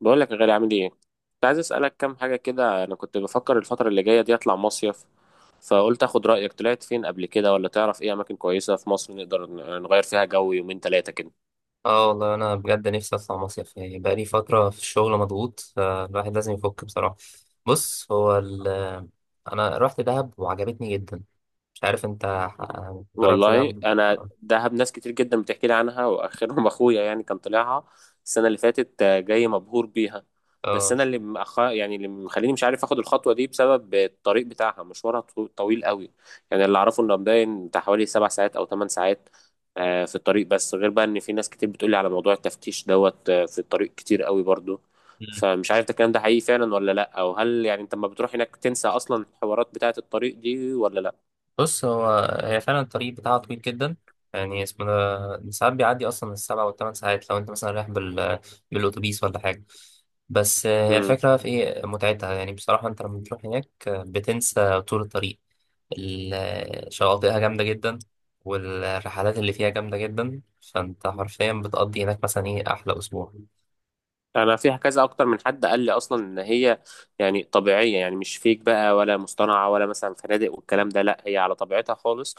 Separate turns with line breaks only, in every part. بقول لك يا غالي، عامل ايه؟ كنت عايز اسالك كام حاجه كده. انا كنت بفكر الفتره اللي جايه دي اطلع مصيف، فقلت اخد رايك. طلعت فين قبل كده ولا تعرف ايه اماكن كويسه في مصر نقدر نغير فيها جو يومين 3 كده؟
اه، والله انا بجد نفسي اطلع مصيف. يعني بقالي فتره في الشغل مضغوط، فالواحد لازم يفك بصراحه. بص، هو ال انا رحت دهب وعجبتني جدا. مش عارف انت جربت
والله
دهب؟
انا دهب ناس كتير جدا بتحكي لي عنها، واخرهم اخويا، يعني كان طلعها السنه اللي فاتت، جاي مبهور بيها. بس
اه.
انا اللي يعني اللي مخليني مش عارف اخد الخطوه دي بسبب الطريق بتاعها، مشوارها طويل قوي. يعني اللي اعرفه انه مبين بتاع حوالي 7 ساعات او 8 ساعات في الطريق، بس غير بقى ان في ناس كتير بتقولي على موضوع التفتيش دوت في الطريق كتير قوي برضو.
مم.
فمش عارف ده الكلام ده حقيقي فعلا ولا لا، او هل يعني انت لما بتروح هناك تنسى اصلا الحوارات بتاعه الطريق دي ولا؟
بص، هي فعلا الطريق بتاعها طويل جدا. يعني اسمه، ده ساعات بيعدي اصلا السبع والثمان ساعات، لو انت مثلا رايح بالاتوبيس ولا حاجه. بس هي
لا،
الفكره في ايه متعتها، يعني بصراحه انت لما بتروح هناك، بتنسى طول الطريق. الشواطئها جامدة جدا، والرحلات اللي فيها جامدة جدا. فانت حرفيا بتقضي هناك مثلا ايه، احلى اسبوع.
انا فيها كذا اكتر من حد قال لي اصلا ان هي يعني طبيعيه، يعني مش فيك بقى ولا مصطنعه ولا مثلا فنادق والكلام ده، لا هي على طبيعتها خالص.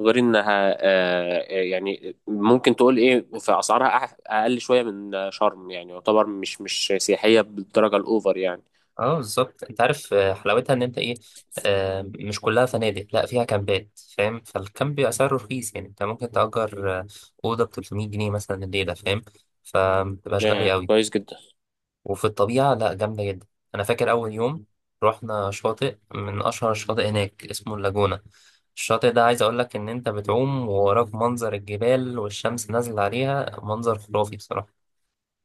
غير انها يعني ممكن تقول ايه في اسعارها اقل شويه من شرم، يعني يعتبر مش سياحيه بالدرجه الاوفر يعني.
اه، بالظبط. انت عارف، حلاوتها ان انت ايه، مش كلها فنادق، لا فيها كامبات فاهم. فالكامب بيبقى سعره رخيص، يعني انت ممكن تأجر أوضة ب 300 جنيه مثلا الليلة فاهم. فمبتبقاش
آه،
غالية أوي.
كويس جدا.
وفي الطبيعة، لا جامدة جدا. أنا فاكر أول يوم رحنا شاطئ من أشهر الشواطئ هناك، اسمه اللاجونة. الشاطئ ده، عايز أقول لك إن أنت بتعوم ووراك منظر الجبال والشمس نازلة عليها، منظر خرافي بصراحة.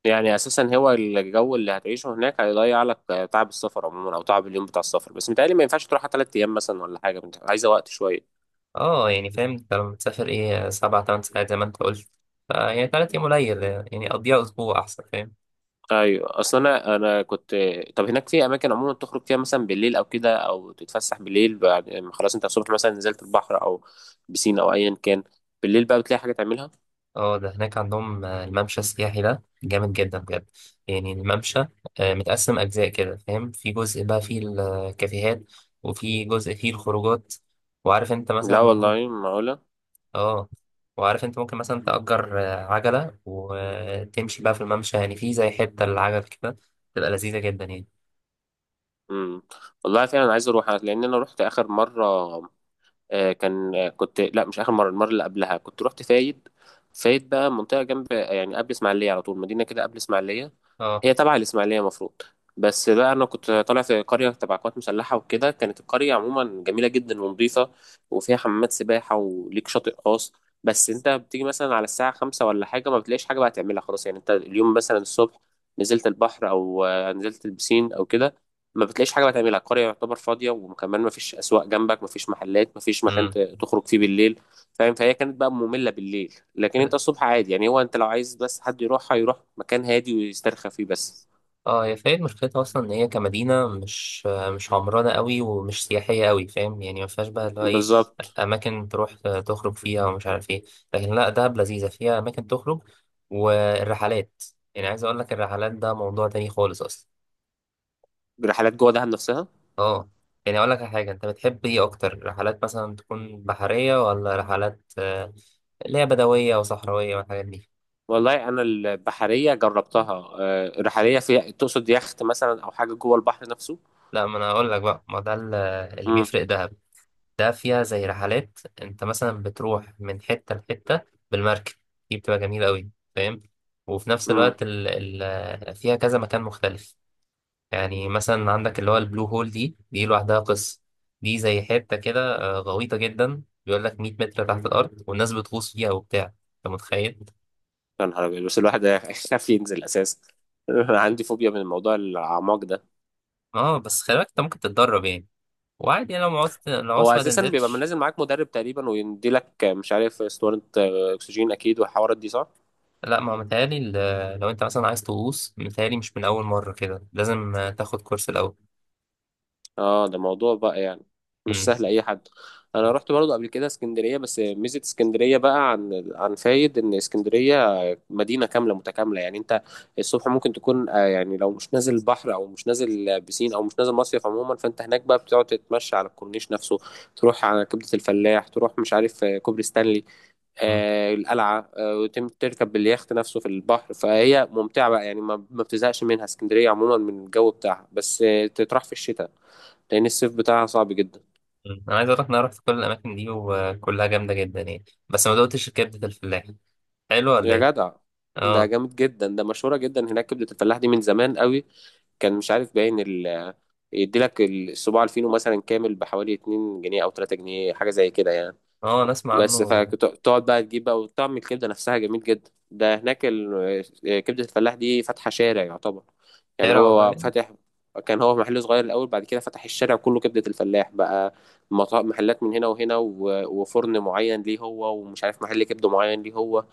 يعني اساسا هو الجو اللي هتعيشه هناك هيضيع لك تعب السفر عموما او تعب اليوم بتاع السفر، بس متهيألي ما ينفعش تروح 3 ايام مثلا ولا حاجه، عايزه وقت شويه.
اه، يعني فاهم؟ أنت لما تسافر إيه، سبع تمن ساعات زي ما أنت قلت، فيعني 3 أيام قليل، يعني قضيها أسبوع أحسن فاهم.
ايوه، اصل انا كنت. طب هناك في اماكن عموما تخرج فيها مثلا بالليل او كده، او تتفسح بالليل بعد ما خلاص انت الصبح مثلا نزلت البحر او بسين او ايا كان، بالليل بقى بتلاقي حاجه تعملها؟
اه، ده هناك عندهم الممشى السياحي ده جامد جدا بجد. يعني الممشى متقسم أجزاء كده، فاهم؟ في جزء بقى فيه الكافيهات، وفي جزء فيه الخروجات، وعارف انت مثلا
لا
ممكن.
والله، معقوله؟
اه. وعارف انت ممكن مثلا تأجر عجلة وتمشي بقى في الممشى، يعني في زي حتة للعجل كده، تبقى لذيذة جدا يعني.
امم. والله فعلا عايز اروح، لان انا رحت اخر مره كان، كنت، لا مش اخر مره، المره اللي قبلها كنت رحت فايد. فايد بقى منطقه جنب، يعني قبل اسماعيليه على طول، مدينه كده قبل اسماعيليه.
اه.
هي تبع الإسماعيلية مفروض. بس بقى أنا كنت طالع في قرية تبع قوات مسلحة وكده، كانت القرية عموما جميلة جدا ونظيفة، وفيها حمامات سباحة وليك شاطئ خاص. بس أنت بتيجي مثلا على الساعة 5 ولا حاجة ما بتلاقيش حاجة بقى تعملها خلاص، يعني أنت اليوم مثلا الصبح نزلت البحر أو نزلت البسين أو كده، ما بتلاقيش حاجة بقى تعملها. القرية يعتبر فاضية، وكمان ما فيش أسواق جنبك، ما فيش محلات، ما فيش مكان
امم.
تخرج فيه بالليل. فاهم؟ فهي كانت بقى مملة بالليل، لكن انت الصبح عادي. يعني هو انت لو عايز بس حد يروحها يروح مكان هادي ويسترخى فيه بس.
اه، هي فايد مشكلتها اصلا، ان هي كمدينه مش عمرانه قوي ومش سياحيه قوي، فاهم؟ يعني ما فيهاش بقى اللي هو ايه،
بالظبط.
اماكن تروح تخرج فيها ومش عارف ايه. لكن لا، دهب لذيذه فيها اماكن تخرج والرحلات. يعني عايز اقول لك، الرحلات ده موضوع تاني خالص اصلا.
رحلات جوه دهب نفسها؟
اه، يعني اقول لك على حاجه. انت بتحب ايه اكتر، رحلات مثلا تكون بحريه ولا رحلات اللي هي بدويه وصحراويه والحاجات دي؟
والله انا البحرية جربتها، رحلية فيها تقصد يخت مثلا او حاجة جوه البحر نفسه؟
لا، ما انا اقول لك بقى، ما ده اللي
امم.
بيفرق دهب. ده فيها زي رحلات، انت مثلا بتروح من حتة لحتة بالمركب. دي بتبقى جميلة قوي فاهم. وفي نفس
امم.
الوقت، ال ال فيها كذا مكان مختلف. يعني مثلا عندك اللي هو البلو هول، دي لوحدها قصة. دي زي حتة كده، غويطة جدا، بيقول لك 100 متر تحت الأرض والناس بتغوص فيها وبتاع، انت متخيل؟
يا نهار ابيض! بس الواحد يخاف ينزل اساسا. انا عندي فوبيا من موضوع الاعماق ده.
اه، بس خلي بالك انت ممكن تتدرب يعني. وعادي يعني، لو عوزت لو
هو
عوزت ما
اساسا بيبقى
تنزلش.
نازل معاك مدرب تقريبا، ويديلك مش عارف اسطوانة اكسجين اكيد والحوارات دي، صح؟
لا، ما هو متهيألي، لو انت مثلا عايز تغوص متهيألي مش من أول مرة كده، لازم تاخد كورس الأول.
اه، ده موضوع بقى يعني، مش
مم.
سهل اي حد. انا رحت برضو قبل كده اسكندريه، بس ميزه اسكندريه بقى عن فايد ان اسكندريه مدينه كامله متكامله. يعني انت الصبح ممكن تكون يعني لو مش نازل بحر، او مش نازل بسين، او مش نازل مصيف عموما، فانت هناك بقى بتقعد تتمشى على الكورنيش نفسه. تروح على كبده الفلاح، تروح مش عارف كوبري ستانلي،
مم.
آه القلعه، آه تركب اليخت نفسه في البحر. فهي ممتعه بقى، يعني ما بتزهقش منها اسكندريه عموما من الجو بتاعها، بس تتراح في الشتاء لان الصيف بتاعها صعب جدا.
مم. انا عايز اقول لك إن انا رحت كل الاماكن دي وكلها جامده جدا يعني. بس ما دقتش كبده الفلاح، حلو ولا
يا
ايه؟
جدع، ده
اه.
جامد جدا. ده مشهوره جدا هناك كبده الفلاح دي من زمان قوي. كان مش عارف باين ال، يديلك الصباع الفينو مثلا كامل بحوالي 2 جنيه او 3 جنيه، حاجه زي كده يعني.
اه، انا اسمع
بس
عنه.
فتقعد بقى تجيب بقى، وطعم الكبده نفسها جميل جدا. ده هناك كبده الفلاح دي فاتحه شارع يعتبر. يعني
شارع
هو
والله؟
فاتح، كان هو محل صغير الاول، بعد كده فتح الشارع كله كبده الفلاح بقى. محلات من هنا وهنا، وفرن معين ليه هو، ومش عارف محل كبده معين ليه هو.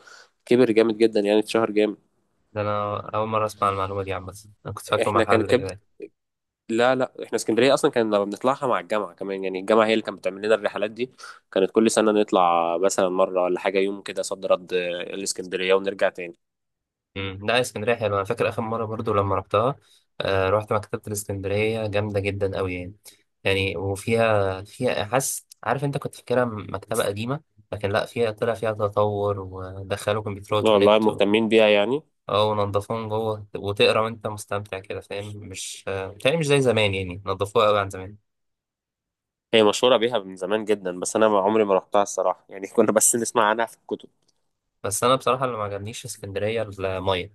كبر جامد جدا، يعني اتشهر جامد.
ده انا اول مره اسمع المعلومه دي عامه. انا كنت فاكره
احنا كانت
محل
كبده،
كده.
لا لا احنا اسكندريه اصلا كنا بنطلعها مع الجامعه كمان. يعني الجامعه هي اللي كانت بتعمل لنا الرحلات دي، كانت كل سنه نطلع مثلا مره ولا حاجه يوم كده صد رد الاسكندريه، ونرجع تاني.
مم. لا، اسكندريه حلوه. انا فاكر اخر مره برضو لما رحتها. رحت مكتبه الاسكندريه جامده جدا قوي يعني. يعني وفيها، فيها حاسس، عارف انت كنت فاكرها مكتبه قديمه. لكن لا، فيها طلع فيها تطور ودخلوا كمبيوترات
والله
ونت.
مهتمين بيها يعني.
اه، ونضفوهم جوه وتقرا وانت مستمتع كده فاهم؟ مش بتهيألي مش زي زمان، يعني نضفوها قوي عن زمان.
هي مشهوره بيها من زمان جدا، بس انا ما عمري ما رحتها الصراحه يعني. كنا بس نسمع عنها في الكتب.
بس انا بصراحه، اللي ما عجبنيش في اسكندريه الميه.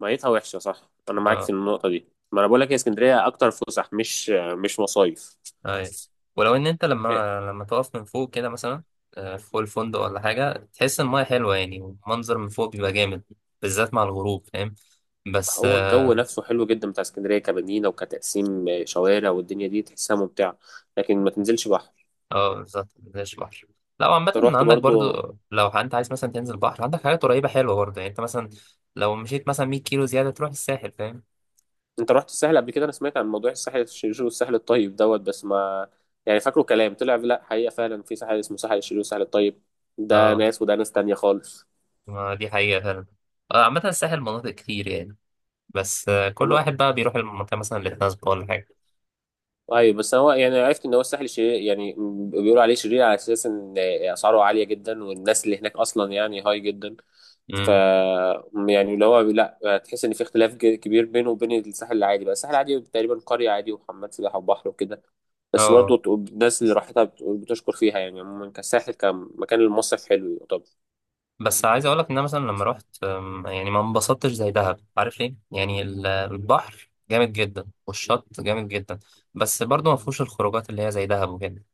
ميتها وحشه، صح، انا معاك في
اه.
النقطه دي. ما انا بقول لك، هي اسكندريه اكتر فسح، مش مش مصايف.
اي. ولو ان انت
إيه،
لما تقف من فوق كده مثلا، فوق الفندق ولا حاجه، تحس ان الميه حلوه يعني والمنظر من فوق بيبقى جامد، بالذات مع الغروب فاهم. بس
هو
اه.
الجو نفسه حلو جدا بتاع اسكندريه كمدينه، وكتقسيم شوارع، والدنيا دي تحسها ممتعه، لكن ما تنزلش بحر.
بالظبط، مفيش بحر. لا، وعامة
انت رحت
عندك
برضو؟
برضو، لو انت عايز مثلا تنزل بحر، عندك حاجات قريبة حلوة برضو. يعني انت مثلا لو مشيت مثلا 100 كيلو زيادة تروح الساحل فاهم.
انت رحت الساحل قبل كده؟ انا سمعت عن موضوع الساحل الشرير والساحل الطيب دوت، بس ما يعني فاكره كلام طلع. لا، حقيقة فعلا في ساحل اسمه ساحل الشرير والساحل الطيب، ده
اه.
ناس وده ناس تانية خالص؟
ما دي حقيقة فعلا. عامة الساحل مناطق كتير يعني. بس كل
ما...
واحد بقى بيروح المنطقة مثلا اللي تناسبه ولا حاجة.
ايوه، بس هو يعني عرفت ان هو الساحل الشرير، يعني بيقولوا عليه شرير على اساس ان اسعاره عالية جدا والناس اللي هناك اصلا يعني هاي جدا. ف،
امم.
يعني اللي هو لا، تحس ان في اختلاف كبير بينه وبين الساحل العادي بقى. الساحل العادي تقريبا قرية عادي وحمام سباحة وبحر وكده، بس برضه
اه،
الناس اللي راحتها بتقول بتشكر فيها. يعني عموما كساحل كمكان المصيف حلو. طب.
بس عايز اقولك ان انا مثلا لما رحت يعني ما انبسطتش زي دهب، عارف ليه؟ يعني البحر جامد جدا والشط جامد جدا. بس برضه ما فيهوش الخروجات اللي هي زي دهب وكده.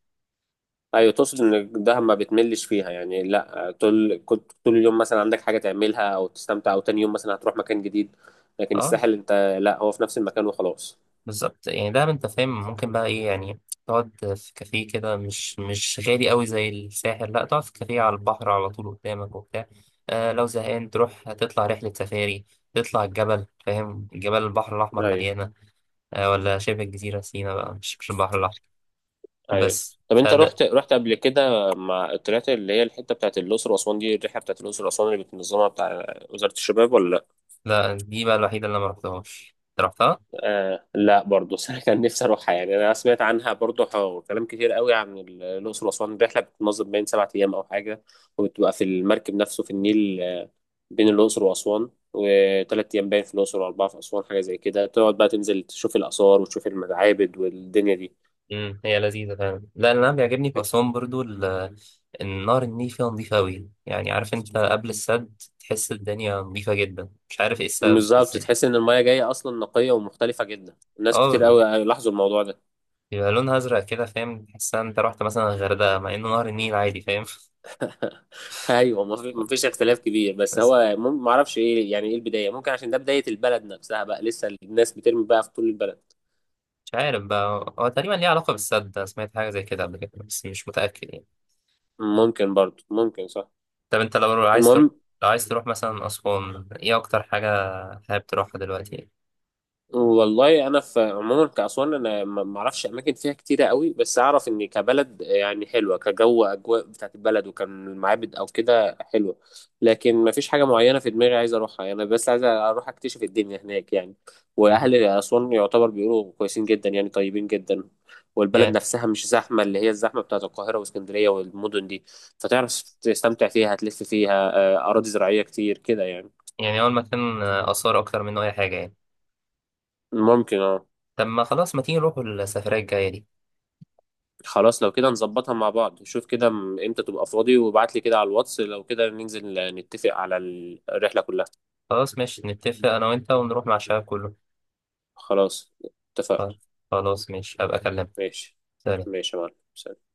ايوه، تقصد ان دهب ما بتملش فيها يعني؟ لا طول كنت، طول اليوم مثلا عندك حاجه تعملها او تستمتع، او تاني يوم مثلا هتروح مكان جديد. لكن
اه،
الساحل انت لا، هو في نفس المكان وخلاص.
بالظبط يعني. ده انت فاهم ممكن بقى ايه، يعني تقعد في كافيه كده مش غالي قوي زي الساحل، لا تقعد في كافيه على البحر على طول قدامك وبتاع. لو زهقان تروح تطلع رحلة سفاري. تطلع الجبل، فاهم جبال البحر الأحمر
ايوه.
مليانة. ولا شبه الجزيرة سينا بقى، مش البحر الأحمر
ايوه،
بس،
طب انت
فده.
رحت، رحت قبل كده مع طلعت اللي هي الحته بتاعت الاقصر واسوان دي، الرحله بتاعت الاقصر واسوان اللي بتنظمها بتاع وزاره الشباب ولا؟
لا، دي بقى الوحيدة اللي أنا مرحتهاش. رحتها؟
آه لا برضه، بس انا كان نفسي اروحها. يعني انا سمعت عنها برضه، كلام كتير قوي عن الاقصر واسوان. الرحله بتتنظم بين 7 ايام او حاجه، وبتبقى في المركب نفسه في النيل، بين الاقصر واسوان، وثلاث ايام باين في الاقصر واربعه في اسوان، حاجه زي كده. تقعد بقى تنزل تشوف الاثار وتشوف المعابد والدنيا دي.
امم، هي لذيذة فعلا. لا، اللي أنا بيعجبني في أسوان برضو النهر النيل فيها نظيفة أوي، يعني عارف أنت قبل السد تحس الدنيا نظيفة جدا، مش عارف إيه السبب
بالظبط،
إزاي.
تحس ان المايه جايه اصلا نقيه ومختلفه جدا، الناس كتير
أه،
قوي لاحظوا الموضوع ده.
بيبقى لونها أزرق كده فاهم، تحس إن أنت رحت مثلا الغردقة مع إنه نهر النيل عادي فاهم.
ايوه، مفيش اختلاف كبير، بس
بس
هو معرفش ايه، يعني ايه البدايه، ممكن عشان ده بدايه البلد نفسها بقى، لسه الناس بترمي بقى في طول البلد.
مش عارف بقى، هو تقريبا ليه علاقة بالسد. أنا سمعت حاجة زي كده قبل كده بس مش متأكد يعني.
ممكن برضو، ممكن، صح؟
طب أنت
المهم،
لو عايز تروح مثلا أسوان، إيه أكتر حاجة حابب تروحها دلوقتي يعني؟
والله انا في عموما كاسوان انا ما اعرفش اماكن فيها كتيره قوي، بس اعرف ان كبلد يعني حلوه كجو، اجواء بتاعت البلد، وكان المعابد او كده حلوه. لكن ما فيش حاجه معينه في دماغي عايز اروحها يعني، بس عايز اروح اكتشف الدنيا هناك يعني.
مم.
واهل اسوان يعتبر بيقولوا كويسين جدا، يعني طيبين جدا. والبلد
يعني
نفسها مش زحمه اللي هي الزحمه بتاعت القاهره واسكندريه والمدن دي، فتعرف تستمتع فيها. هتلف فيها اراضي زراعيه كتير كده يعني.
يعني هو المكان آثار أكتر منه أي حاجة يعني.
ممكن، اه.
طب ما خلاص، ما تيجي نروحوا السفرية الجاية دي.
خلاص لو كده نظبطها مع بعض. شوف كده امتى تبقى فاضي، وابعت لي كده على الواتس، لو كده ننزل نتفق على الرحلة كلها.
خلاص ماشي، نتفق أنا وأنت ونروح مع الشباب كله.
خلاص، اتفقنا.
خلاص ماشي، هبقى أكلمك.
ماشي.
سلام.
ماشي يا معلم.